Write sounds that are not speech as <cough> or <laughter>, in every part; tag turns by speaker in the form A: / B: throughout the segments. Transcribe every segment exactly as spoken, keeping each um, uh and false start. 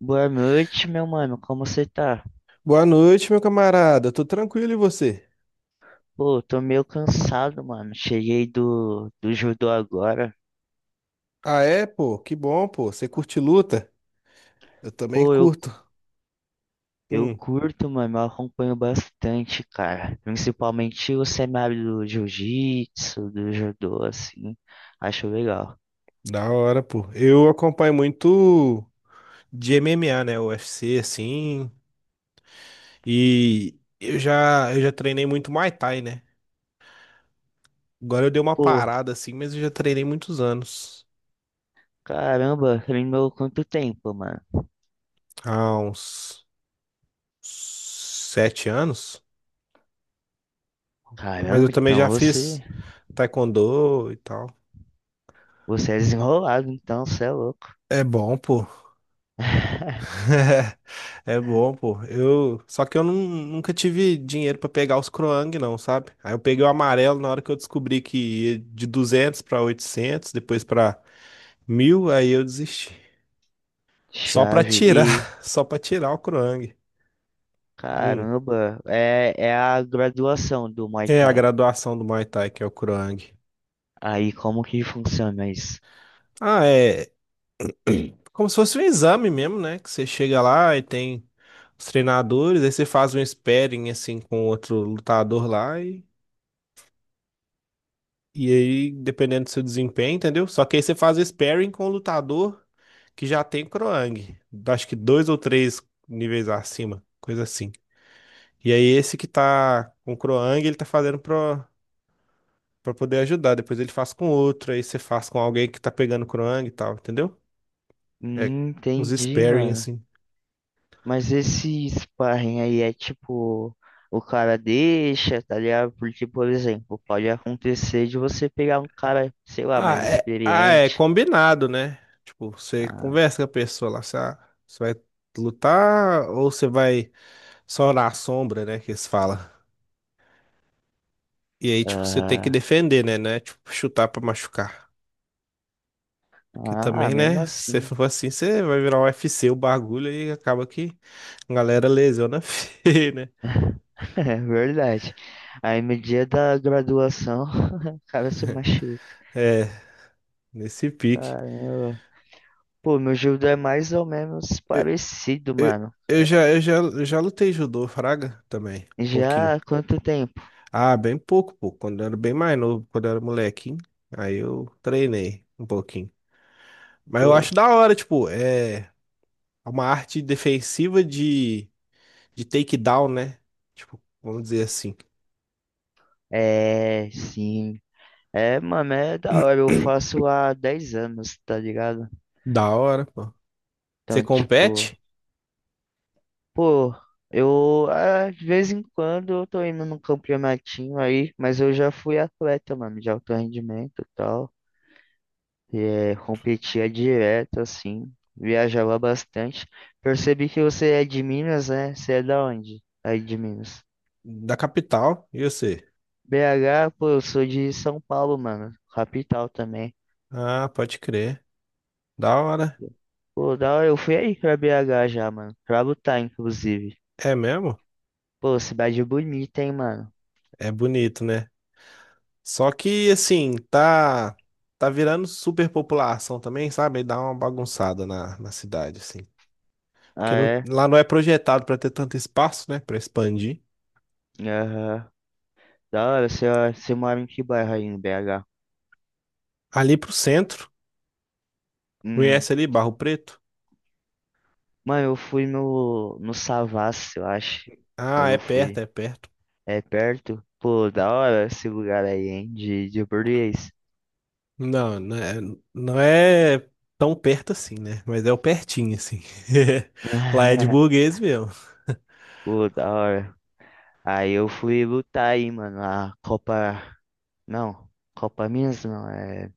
A: Boa noite, meu mano. Como você tá?
B: Boa noite, meu camarada. Tô tranquilo e você?
A: Pô, tô meio cansado, mano. Cheguei do, do judô agora.
B: Ah, é, pô? Que bom, pô. Você curte luta? Eu também
A: Pô, eu,
B: curto.
A: eu
B: Hum,
A: curto, mano. Eu acompanho bastante, cara. Principalmente o cenário do jiu-jitsu, do judô, assim. Acho legal.
B: Da hora, pô. Eu acompanho muito de M M A, né? U F C, assim. E eu já, eu já treinei muito Muay Thai, né? Agora eu dei uma
A: Pô,
B: parada, assim, mas eu já treinei muitos anos.
A: caramba, treinou quanto tempo, mano?
B: Há uns sete anos. Mas eu
A: Caramba,
B: também
A: então
B: já fiz
A: você,
B: Taekwondo e tal.
A: você é desenrolado, então você é louco.
B: É bom, pô.
A: <laughs>
B: <laughs> É bom, pô. Eu, só que eu nun- nunca tive dinheiro pra pegar os Croang, não, sabe? Aí eu peguei o amarelo na hora que eu descobri que ia de duzentos pra oitocentos, depois pra mil, aí eu desisti. Só pra
A: Chave
B: tirar,
A: e
B: <laughs> só pra tirar o Croang. Hum.
A: caramba, é, é a graduação do Muay
B: É a
A: Thai.
B: graduação do Muay Thai que é o Croang.
A: Aí como que funciona isso?
B: Ah, é como se fosse um exame mesmo, né? Que você chega lá e tem os treinadores, aí você faz um sparring assim com outro lutador lá e E aí, dependendo do seu desempenho, entendeu? Só que aí você faz sparring com o lutador que já tem croang. Acho que dois ou três níveis acima, coisa assim. E aí, esse que tá com croang ele tá fazendo pro, pra poder ajudar. Depois ele faz com outro, aí você faz com alguém que tá pegando croang e tal, entendeu? É
A: Hum,
B: uns
A: entendi,
B: sparring
A: mano.
B: assim.
A: Mas esse sparring aí é tipo, o cara deixa, tá ligado? Porque, por exemplo, pode acontecer de você pegar um cara, sei lá,
B: Ah,
A: mais
B: é, ah, é
A: experiente.
B: combinado, né? Tipo, você
A: Ah,
B: conversa com a pessoa lá, você, ah, você vai lutar ou você vai só na sombra, né? Que eles falam. E aí, tipo, você tem que
A: ah,
B: defender, né? né Tipo, chutar pra machucar. Que
A: ah,
B: também,
A: mesmo
B: né? Se você
A: assim,
B: for assim, você vai virar um U F C o bagulho e acaba que a galera lesiona <laughs> feio, né?
A: <laughs> é verdade. Aí no dia da graduação, <laughs> o cara se machuca.
B: É, nesse pique.
A: Caramba. Pô, meu judô é mais ou menos
B: Eu,
A: parecido,
B: eu,
A: mano.
B: eu já, eu já, eu já lutei judô, fraga, também, um pouquinho.
A: Já há quanto tempo?
B: Ah, bem pouco, pô. Quando eu era bem mais novo, quando eu era molequinho. Aí eu treinei um pouquinho. Mas eu acho da hora, tipo, é uma arte defensiva de, de takedown, né? Tipo, vamos dizer assim.
A: É, sim. É, mano, é da hora. Eu
B: <clears throat>
A: faço há dez anos, tá ligado?
B: Da hora, pô. Você
A: Então, tipo,
B: compete?
A: pô, eu ah, de vez em quando eu tô indo num campeonatinho aí, mas eu já fui atleta, mano, de alto rendimento e tal. E, é, competia direto, assim, viajava bastante. Percebi que você é de Minas, né? Você é da onde? Aí de Minas.
B: Da capital. E você?
A: B H, pô, eu sou de São Paulo, mano, capital também.
B: Ah, pode crer. Da hora.
A: Pô, da hora, eu fui aí pra B H já, mano. Pra lutar, inclusive.
B: É mesmo?
A: Pô, cidade bonita, hein, mano.
B: É bonito, né? Só que, assim, tá. Tá virando superpopulação também, sabe? Aí dá uma bagunçada na, na cidade, assim. Porque
A: Ah,
B: não-
A: é?
B: lá não é projetado pra ter tanto espaço, né? Pra expandir.
A: Aham. Da hora, você, você mora em que bairro aí em B H?
B: Ali pro centro.
A: Hum.
B: Conhece ali Barro Preto?
A: Mano, eu fui no, no Savassi, eu acho.
B: Ah,
A: Quando
B: é
A: eu
B: perto,
A: fui.
B: é perto.
A: É perto? Pô, da hora esse lugar aí, hein? De, de português.
B: Não, não é, não é tão perto assim, né? Mas é o pertinho, assim. <laughs> Lá é de
A: <laughs>
B: burguês mesmo.
A: Pô, da hora. Aí eu fui lutar aí, mano. A Copa. Não, Copa Minas não. É.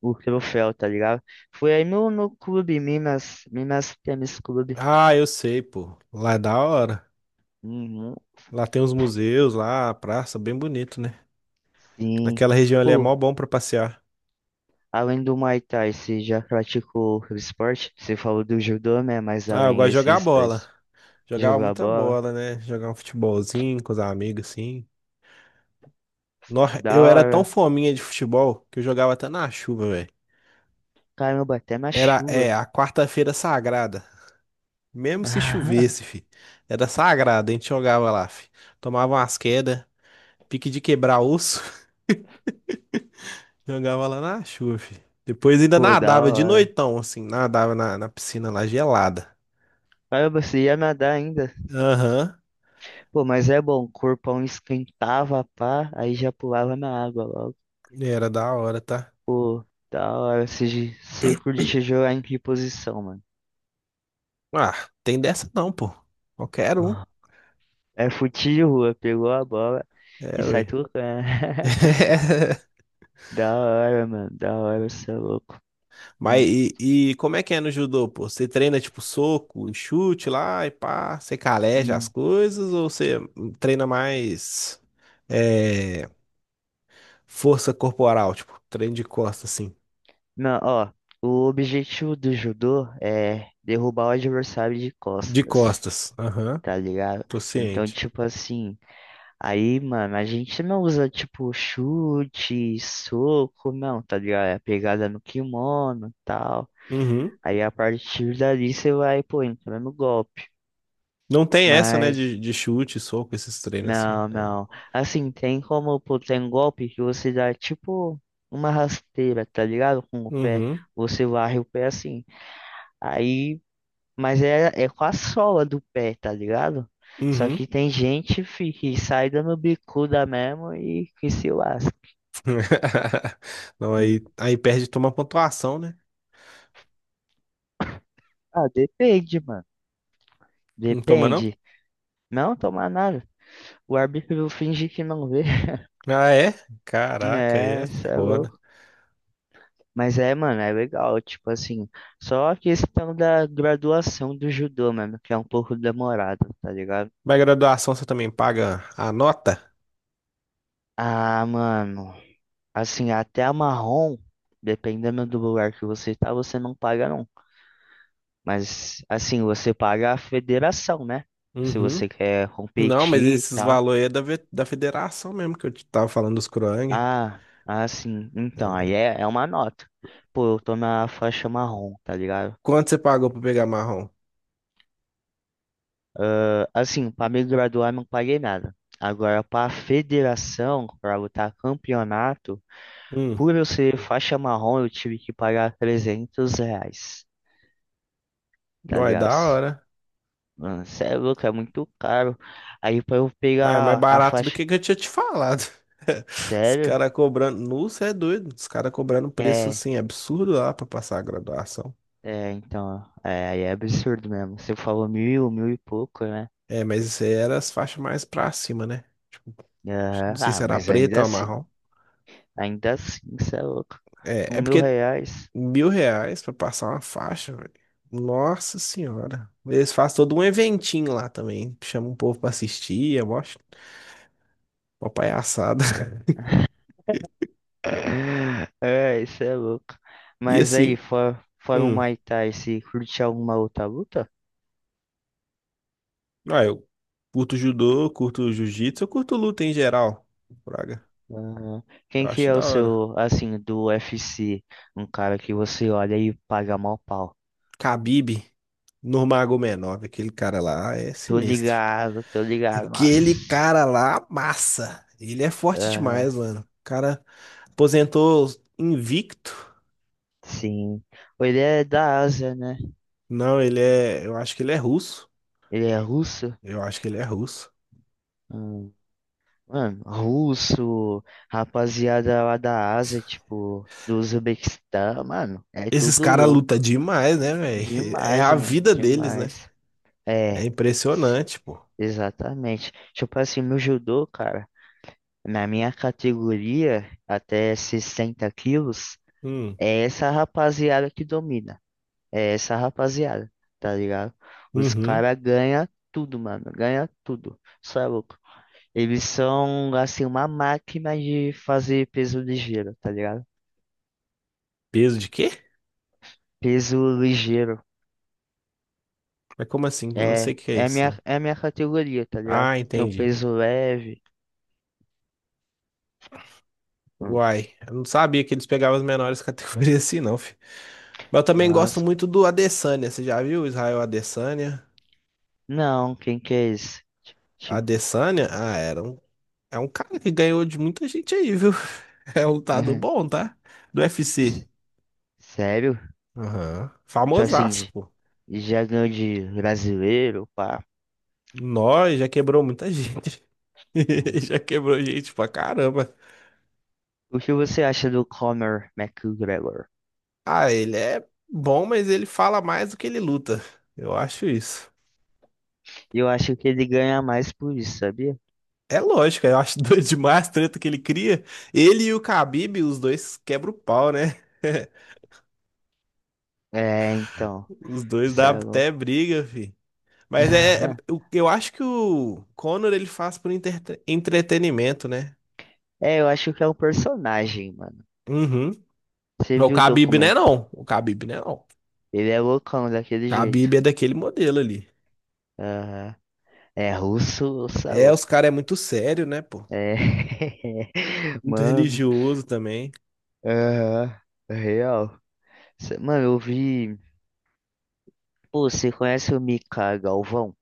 A: O troféu, tá ligado? Foi aí no, no clube, Minas, Minas Tênis Clube.
B: Ah, eu sei, pô. Lá é da hora.
A: Uhum.
B: Lá tem uns museus, lá, a praça, bem bonito, né?
A: Sim.
B: Naquela região ali é mó
A: Pô,
B: bom pra passear.
A: além do Muay Thai, você já praticou outro esporte? Você falou do judô, né? Mas
B: Ah, eu
A: além
B: gosto de jogar
A: esses
B: bola.
A: dois,
B: Jogava
A: jogar
B: muita
A: bola,
B: bola, né? Jogar um futebolzinho com os amigos, assim. Nossa, eu
A: da
B: era tão
A: hora.
B: fominha de futebol que eu jogava até na chuva, velho.
A: Caramba, até na
B: Era, é,
A: chuva.
B: a quarta-feira sagrada. Mesmo se chovesse,
A: <laughs>
B: fi. Era sagrado, a gente jogava lá, fi. Tomava umas quedas, pique de quebrar osso, <laughs> jogava lá na chuva, fi. Depois ainda
A: Pô, da
B: nadava de
A: hora.
B: noitão, assim, nadava na, na piscina lá gelada.
A: Caramba, você ia nadar ainda.
B: Aham,
A: Pô, mas é bom, o corpão esquentava, pá, aí já pulava na água logo.
B: era da hora, tá?
A: Pô, da hora. Você, você curte jogar em que posição, mano?
B: Ah, tem dessa não, pô. Qualquer um.
A: É fute de rua, pegou a bola e
B: É,
A: sai
B: ué.
A: tocando. <laughs>
B: <laughs>
A: Da hora, mano, da hora, você é louco.
B: Mas
A: Hum,
B: e, e como é que é no judô, pô? Você treina tipo soco, chute lá e pá, você caleja as
A: hum.
B: coisas ou você treina mais. É força corporal, tipo, treino de costas, assim.
A: Não, ó, o objetivo do judô é derrubar o adversário de
B: De
A: costas,
B: costas. Aham,
A: tá ligado?
B: tô
A: Então,
B: ciente.
A: tipo assim, aí, mano, a gente não usa, tipo, chute, soco, não, tá ligado? É pegada no kimono e tal.
B: Uhum.
A: Aí, a partir dali, você vai, pô, entrando no golpe.
B: Não tem essa, né,
A: Mas.
B: de, de chute, soco, esses treinos assim, não
A: Não,
B: tem, não.
A: não. Assim, tem como, pô, tem um golpe que você dá tipo uma rasteira, tá ligado? Com o pé.
B: Uhum,
A: Você varre o pé assim. Aí, mas é, é, com a sola do pé, tá ligado? Só
B: uhum.
A: que tem gente, fi, que sai dando bicuda mesmo e que se lasca.
B: <laughs> Não,
A: Hum.
B: aí, aí perde e toma pontuação, né?
A: Ah, depende, mano.
B: Não toma, não?
A: Depende. Não tomar nada. O árbitro finge que não vê. <laughs>
B: Ah, é? Caraca, aí
A: É,
B: é
A: isso é
B: foda.
A: louco. Mas é, mano, é legal, tipo assim, só a questão da graduação do judô, mano, que é um pouco demorado, tá ligado?
B: Mas graduação você também paga a nota?
A: Ah, mano, assim, até a marrom, dependendo do lugar que você tá, você não paga não. Mas, assim, você paga a federação, né? Se
B: Uhum.
A: você quer
B: Não, mas
A: competir e
B: esses
A: tal.
B: valores aí é da, ve- da federação mesmo, que eu te tava falando dos Kroang.
A: Ah, ah sim então, aí é, é uma nota. Pô, eu tô na faixa marrom, tá ligado?
B: Quanto você pagou pra pegar marrom?
A: Ah, assim, para me graduar não paguei nada. Agora, para a federação, para lutar campeonato,
B: Hum,
A: por eu ser faixa marrom, eu tive que pagar trezentos reais, tá
B: Vai
A: ligado?
B: da hora.
A: Mano, cê é louco, é muito caro. Aí, para eu
B: Ah, é mais
A: pegar a
B: barato do
A: faixa.
B: que que eu tinha te falado. <laughs> Os
A: Sério?
B: caras cobrando. Nossa, é doido. Os caras cobrando um preço
A: É,
B: assim absurdo lá pra passar a graduação.
A: é, então, é, aí é absurdo mesmo. Você falou mil, mil e pouco, né?
B: É, mas isso aí era as faixas mais pra cima, né? Tipo, não
A: Aham.
B: sei
A: Ah,
B: se era
A: mas ainda
B: preta ou
A: assim,
B: marrom.
A: ainda assim, cê é louco.
B: É,
A: Com
B: é
A: mil
B: porque
A: reais.
B: mil reais pra passar uma faixa, velho. Nossa senhora. Eles fazem todo um eventinho lá também. Chamam o povo pra assistir, eu acho. Uma palhaçada. <laughs>
A: <laughs> É, isso é louco.
B: E
A: Mas aí,
B: assim,
A: fora, fora o
B: hum,
A: Muay Thai, você curte alguma outra luta?
B: ah, eu curto judô, curto jiu-jitsu, eu curto luta em geral. Braga.
A: Ah, quem
B: Eu
A: que
B: acho
A: é o
B: da hora.
A: seu, assim, do U F C? Um cara que você olha e paga mal pau.
B: Khabib, Nurmagomedov, aquele cara lá é
A: Tô
B: sinistro.
A: ligado, tô ligado, nossa.
B: Aquele cara lá, massa. Ele é forte demais,
A: Ah,
B: mano. O cara aposentou invicto.
A: sim. Ele é da Ásia, né?
B: Não, ele é. Eu acho que ele é russo.
A: Ele é russo?
B: Eu acho que ele é russo.
A: Hum. Mano, russo, rapaziada lá da Ásia, tipo, do Uzbequistão, mano, é
B: Esses
A: tudo
B: caras lutam
A: louco.
B: demais, né, velho? <laughs> É
A: Demais,
B: a
A: mano,
B: vida deles, né?
A: demais.
B: É
A: É,
B: impressionante, pô.
A: exatamente. Tipo assim, no judô, cara, na minha categoria, até sessenta quilos,
B: Hum,
A: é essa rapaziada que domina. É essa rapaziada, tá ligado? Os
B: uhum.
A: caras ganham tudo, mano, ganha tudo. Só é louco. Eles são, assim, uma máquina de fazer peso ligeiro, tá ligado?
B: Peso de quê?
A: Peso ligeiro.
B: Mas como assim? Não sei
A: É,
B: o que é
A: é a
B: isso,
A: minha,
B: não.
A: é a minha categoria, tá ligado?
B: Ah,
A: Tem o
B: entendi.
A: peso leve. Um.
B: Uai, eu não sabia que eles pegavam as menores <laughs> categorias assim, não, filho. Mas eu também gosto
A: Nossa,
B: muito do Adesanya. Você já viu o Israel Adesanya?
A: não, quem que é esse? Ti- Tipo,
B: Adesanya? Ah, era um, é um cara que ganhou de muita gente aí, viu? <laughs> É um lutador
A: <laughs>
B: bom, tá? Do U F C.
A: sério?
B: Aham.
A: Tipo assim,
B: Famosaço,
A: j-
B: pô.
A: já ganhou de brasileiro, pá.
B: Nós já quebrou muita gente. <laughs> Já quebrou gente pra caramba.
A: O que você acha do Conor McGregor?
B: Ah, ele é bom, mas ele fala mais do que ele luta. Eu acho isso.
A: Eu acho que ele ganha mais por isso, sabia?
B: É lógico, eu acho <laughs> doido demais a treta que ele cria. Ele e o Khabib, os dois quebram o pau, né? <laughs>
A: É, então,
B: Os dois dá
A: sério.
B: até briga, fi. Mas é, é-
A: <laughs>
B: eu, eu acho que o Conor ele faz por entre- entretenimento, né?
A: É, eu acho que é um personagem, mano.
B: Uhum.
A: Você
B: O
A: viu o
B: Khabib né?
A: documento?
B: Não. O Khabib não é não. O
A: Ele é loucão daquele jeito.
B: Khabib é daquele modelo ali.
A: Aham. É russo, ou é
B: É, os
A: louco.
B: caras é muito sério, né, pô?
A: É, <laughs>
B: Muito
A: mano,
B: religioso também.
A: aham, real. Cê- Mano, eu vi. Pô, você conhece o Mika Galvão?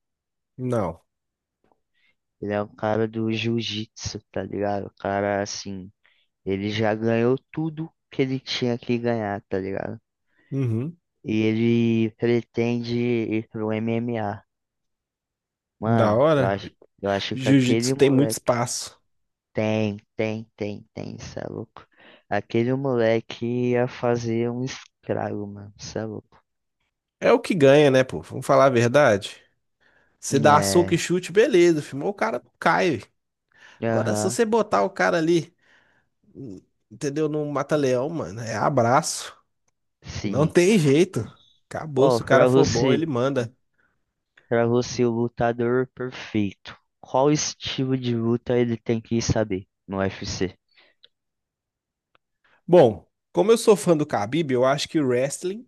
B: Não.
A: Ele é um cara do jiu-jitsu, tá ligado? O cara, assim, ele já ganhou tudo que ele tinha que ganhar, tá ligado?
B: Uhum.
A: E ele pretende ir pro M M A.
B: Da
A: Mano, eu
B: hora.
A: acho, eu acho que aquele
B: Jiu-jitsu tem muito
A: moleque
B: espaço.
A: tem, tem, tem, tem, cê é louco. Aquele moleque ia fazer um estrago, mano, cê é louco.
B: É o que ganha, né, pô? Vamos falar a verdade. Você dá soco e
A: É,
B: chute, beleza, filmou, o cara cai, velho. Agora, se
A: aham,
B: você botar o cara ali, entendeu? No mata-leão, mano, é abraço. Não
A: sim.
B: tem jeito. Acabou.
A: Ó,
B: Se o cara
A: pra
B: for bom,
A: você.
B: ele manda.
A: Para você, o lutador perfeito, qual estilo de luta ele tem que saber no U F C?
B: Bom, como eu sou fã do Khabib, eu acho que o wrestling,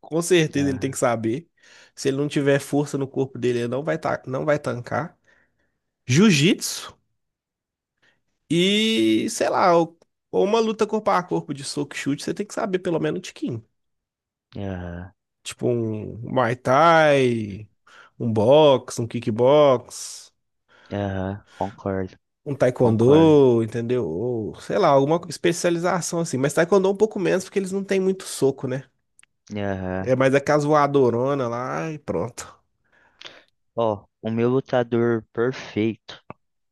B: com certeza ele tem
A: Aham,
B: que saber. Se ele não tiver força no corpo dele, ele não vai, ta- não vai tancar. Jiu-jitsu e, sei lá, ou ou uma luta corpo a corpo de soco e chute, você tem que saber pelo menos um tiquinho.
A: aham,
B: Tipo um Muay Thai, um box, um kickbox,
A: aham, concordo,
B: um
A: concordo.
B: taekwondo, entendeu? Ou, sei lá, alguma especialização assim. Mas taekwondo é um pouco menos, porque eles não têm muito soco, né?
A: Aham.
B: É mais aquelas voadorona lá e pronto.
A: Ó, o meu lutador perfeito,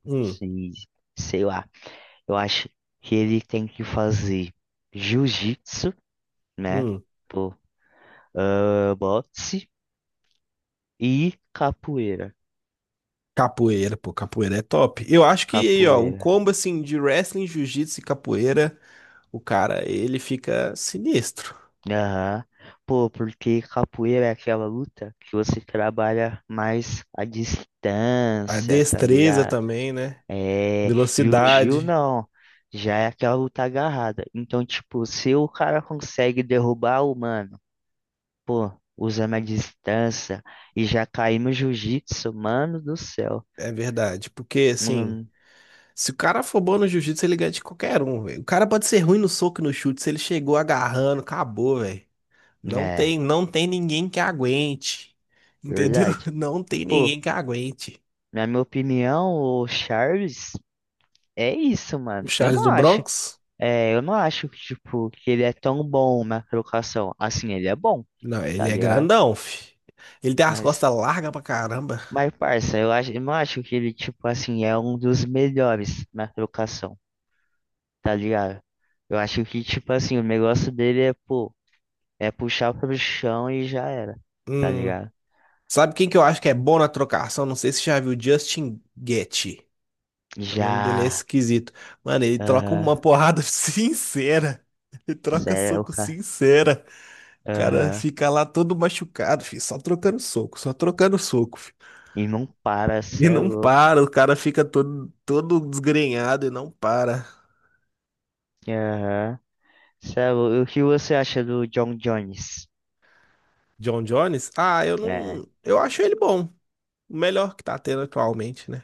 B: Hum,
A: se, sei lá, eu acho que ele tem que fazer jiu-jitsu, né?
B: hum.
A: Pô, ah, boxe e capoeira.
B: Capoeira, pô, capoeira é top. Eu acho que aí, ó, o
A: Capoeira.
B: combo assim de wrestling, jiu-jitsu e capoeira, o cara, ele fica sinistro.
A: Aham. Pô, porque capoeira é aquela luta que você trabalha mais à
B: A
A: distância, tá
B: destreza
A: ligado?
B: também, né?
A: É, e o Gil
B: Velocidade,
A: não. Já é aquela luta agarrada. Então, tipo, se o cara consegue derrubar o mano, pô, usando a distância e já cair no jiu-jitsu, mano do céu.
B: é verdade. Porque assim.
A: Hum,
B: Se o cara for bom no jiu-jitsu, ele ganha de qualquer um, velho. O cara pode ser ruim no soco e no chute, se ele chegou agarrando, acabou, velho. Não
A: é,
B: tem, não tem ninguém que aguente. Entendeu?
A: verdade.
B: <laughs> Não tem
A: Pô,
B: ninguém que aguente.
A: na minha opinião, o Charles é isso,
B: O
A: mano. Eu
B: Charles
A: não
B: do
A: acho.
B: Bronx?
A: É, eu não acho que, tipo, que ele é tão bom na trocação. Assim, ele é bom,
B: Não, ele
A: tá
B: é
A: ligado?
B: grandão, fi. Ele tem as
A: Mas,
B: costas largas pra caramba.
A: mas, parça, eu acho, eu não acho que ele, tipo, assim, é um dos melhores na trocação, tá ligado? Eu acho que, tipo, assim, o negócio dele é, pô, é puxar pro chão e já era, tá
B: Hum.
A: ligado?
B: Sabe quem que eu acho que é bom na trocação? Não sei se você já viu Justin Gaethje. O nome dele é
A: Já,
B: esquisito. Mano, ele troca
A: aham,
B: uma porrada <laughs> sincera. Ele
A: cê
B: troca
A: é o
B: soco
A: cara,
B: sincera. Cara
A: aham,
B: fica lá todo machucado, filho, só trocando soco, só trocando soco, filho.
A: e não para, cê
B: E
A: é
B: não
A: louco,
B: para, o cara fica todo, todo desgrenhado e não para.
A: aham, cê é louco. O que você acha do John Jones?
B: John Jones? Ah, eu
A: É,
B: não. Eu acho ele bom. O melhor que tá tendo atualmente, né?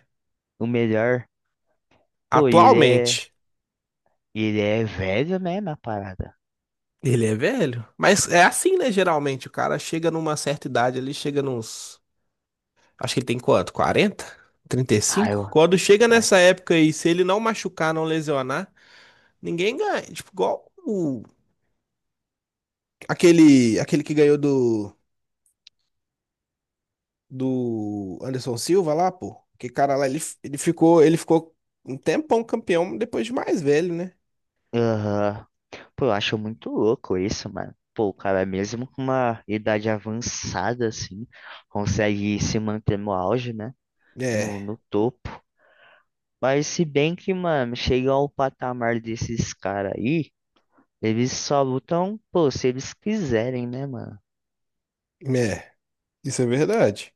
A: o melhor? Pô, e ele é.
B: Atualmente.
A: E ele é velho mesmo, a parada.
B: Ele é velho. Mas é assim, né? Geralmente, o cara chega numa certa idade, ele chega nos. Acho que ele tem quanto? Quarenta, trinta e
A: Ah,
B: cinco
A: eu.
B: Quando chega
A: Ai,
B: nessa época aí, se ele não machucar, não lesionar, ninguém ganha. Tipo, igual o Aquele, aquele que ganhou do, do Anderson Silva lá, pô. Que cara lá, ele, ele ficou, ele ficou um tempão campeão depois de mais velho, né?
A: aham. Pô, eu acho muito louco isso, mano. Pô, o cara, mesmo com uma idade avançada, assim, consegue se manter no auge, né? No,
B: É,
A: no topo. Mas se bem que, mano, chegar ao patamar desses caras aí, eles só lutam, pô, se eles quiserem, né, mano?
B: é, isso é verdade.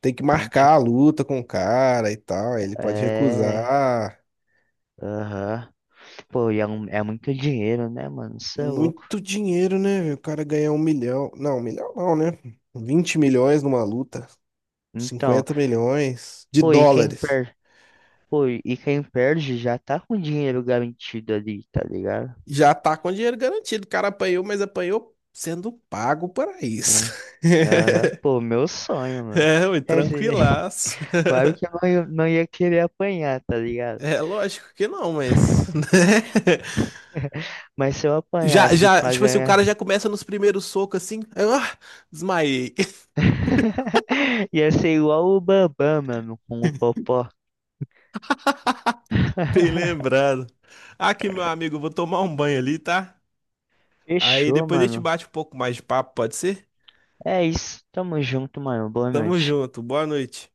B: Tem que
A: Então,
B: marcar a
A: tipo,
B: luta com o cara e tal. Ele pode
A: é.
B: recusar.
A: Aham. Pô, e é, um- é muito dinheiro, né, mano? Isso é louco.
B: Muito dinheiro, né, velho? O cara ganhar um milhão. Não, um milhão não, né? Vinte milhões numa luta.
A: Então,
B: cinquenta milhões de
A: pô, e quem
B: dólares.
A: perde? Pô, e quem perde já tá com dinheiro garantido ali, tá ligado?
B: Já tá com dinheiro garantido. O cara apanhou, mas apanhou sendo pago para isso.
A: É. Aham.
B: <laughs>
A: Pô, meu sonho, mano.
B: É, ui,
A: Quer dizer, <laughs>
B: tranquilaço.
A: claro que
B: <laughs>
A: eu não ia não ia querer apanhar, tá ligado?
B: É lógico que não, mas,
A: <laughs>
B: né? <laughs>
A: Mas se eu
B: Já,
A: apanhasse
B: já,
A: pra
B: tipo assim, o
A: ganhar,
B: cara já começa nos primeiros socos assim. Aí, ah, desmaiei.
A: <laughs> ia ser igual o Bambam, mano, com o Popó.
B: <laughs> Bem
A: <laughs>
B: lembrado. Aqui, meu amigo, eu vou tomar um banho ali, tá? Aí
A: Fechou,
B: depois a gente
A: mano.
B: bate um pouco mais de papo, pode ser?
A: É isso. Tamo junto, mano. Boa
B: Tamo
A: noite.
B: junto, boa noite.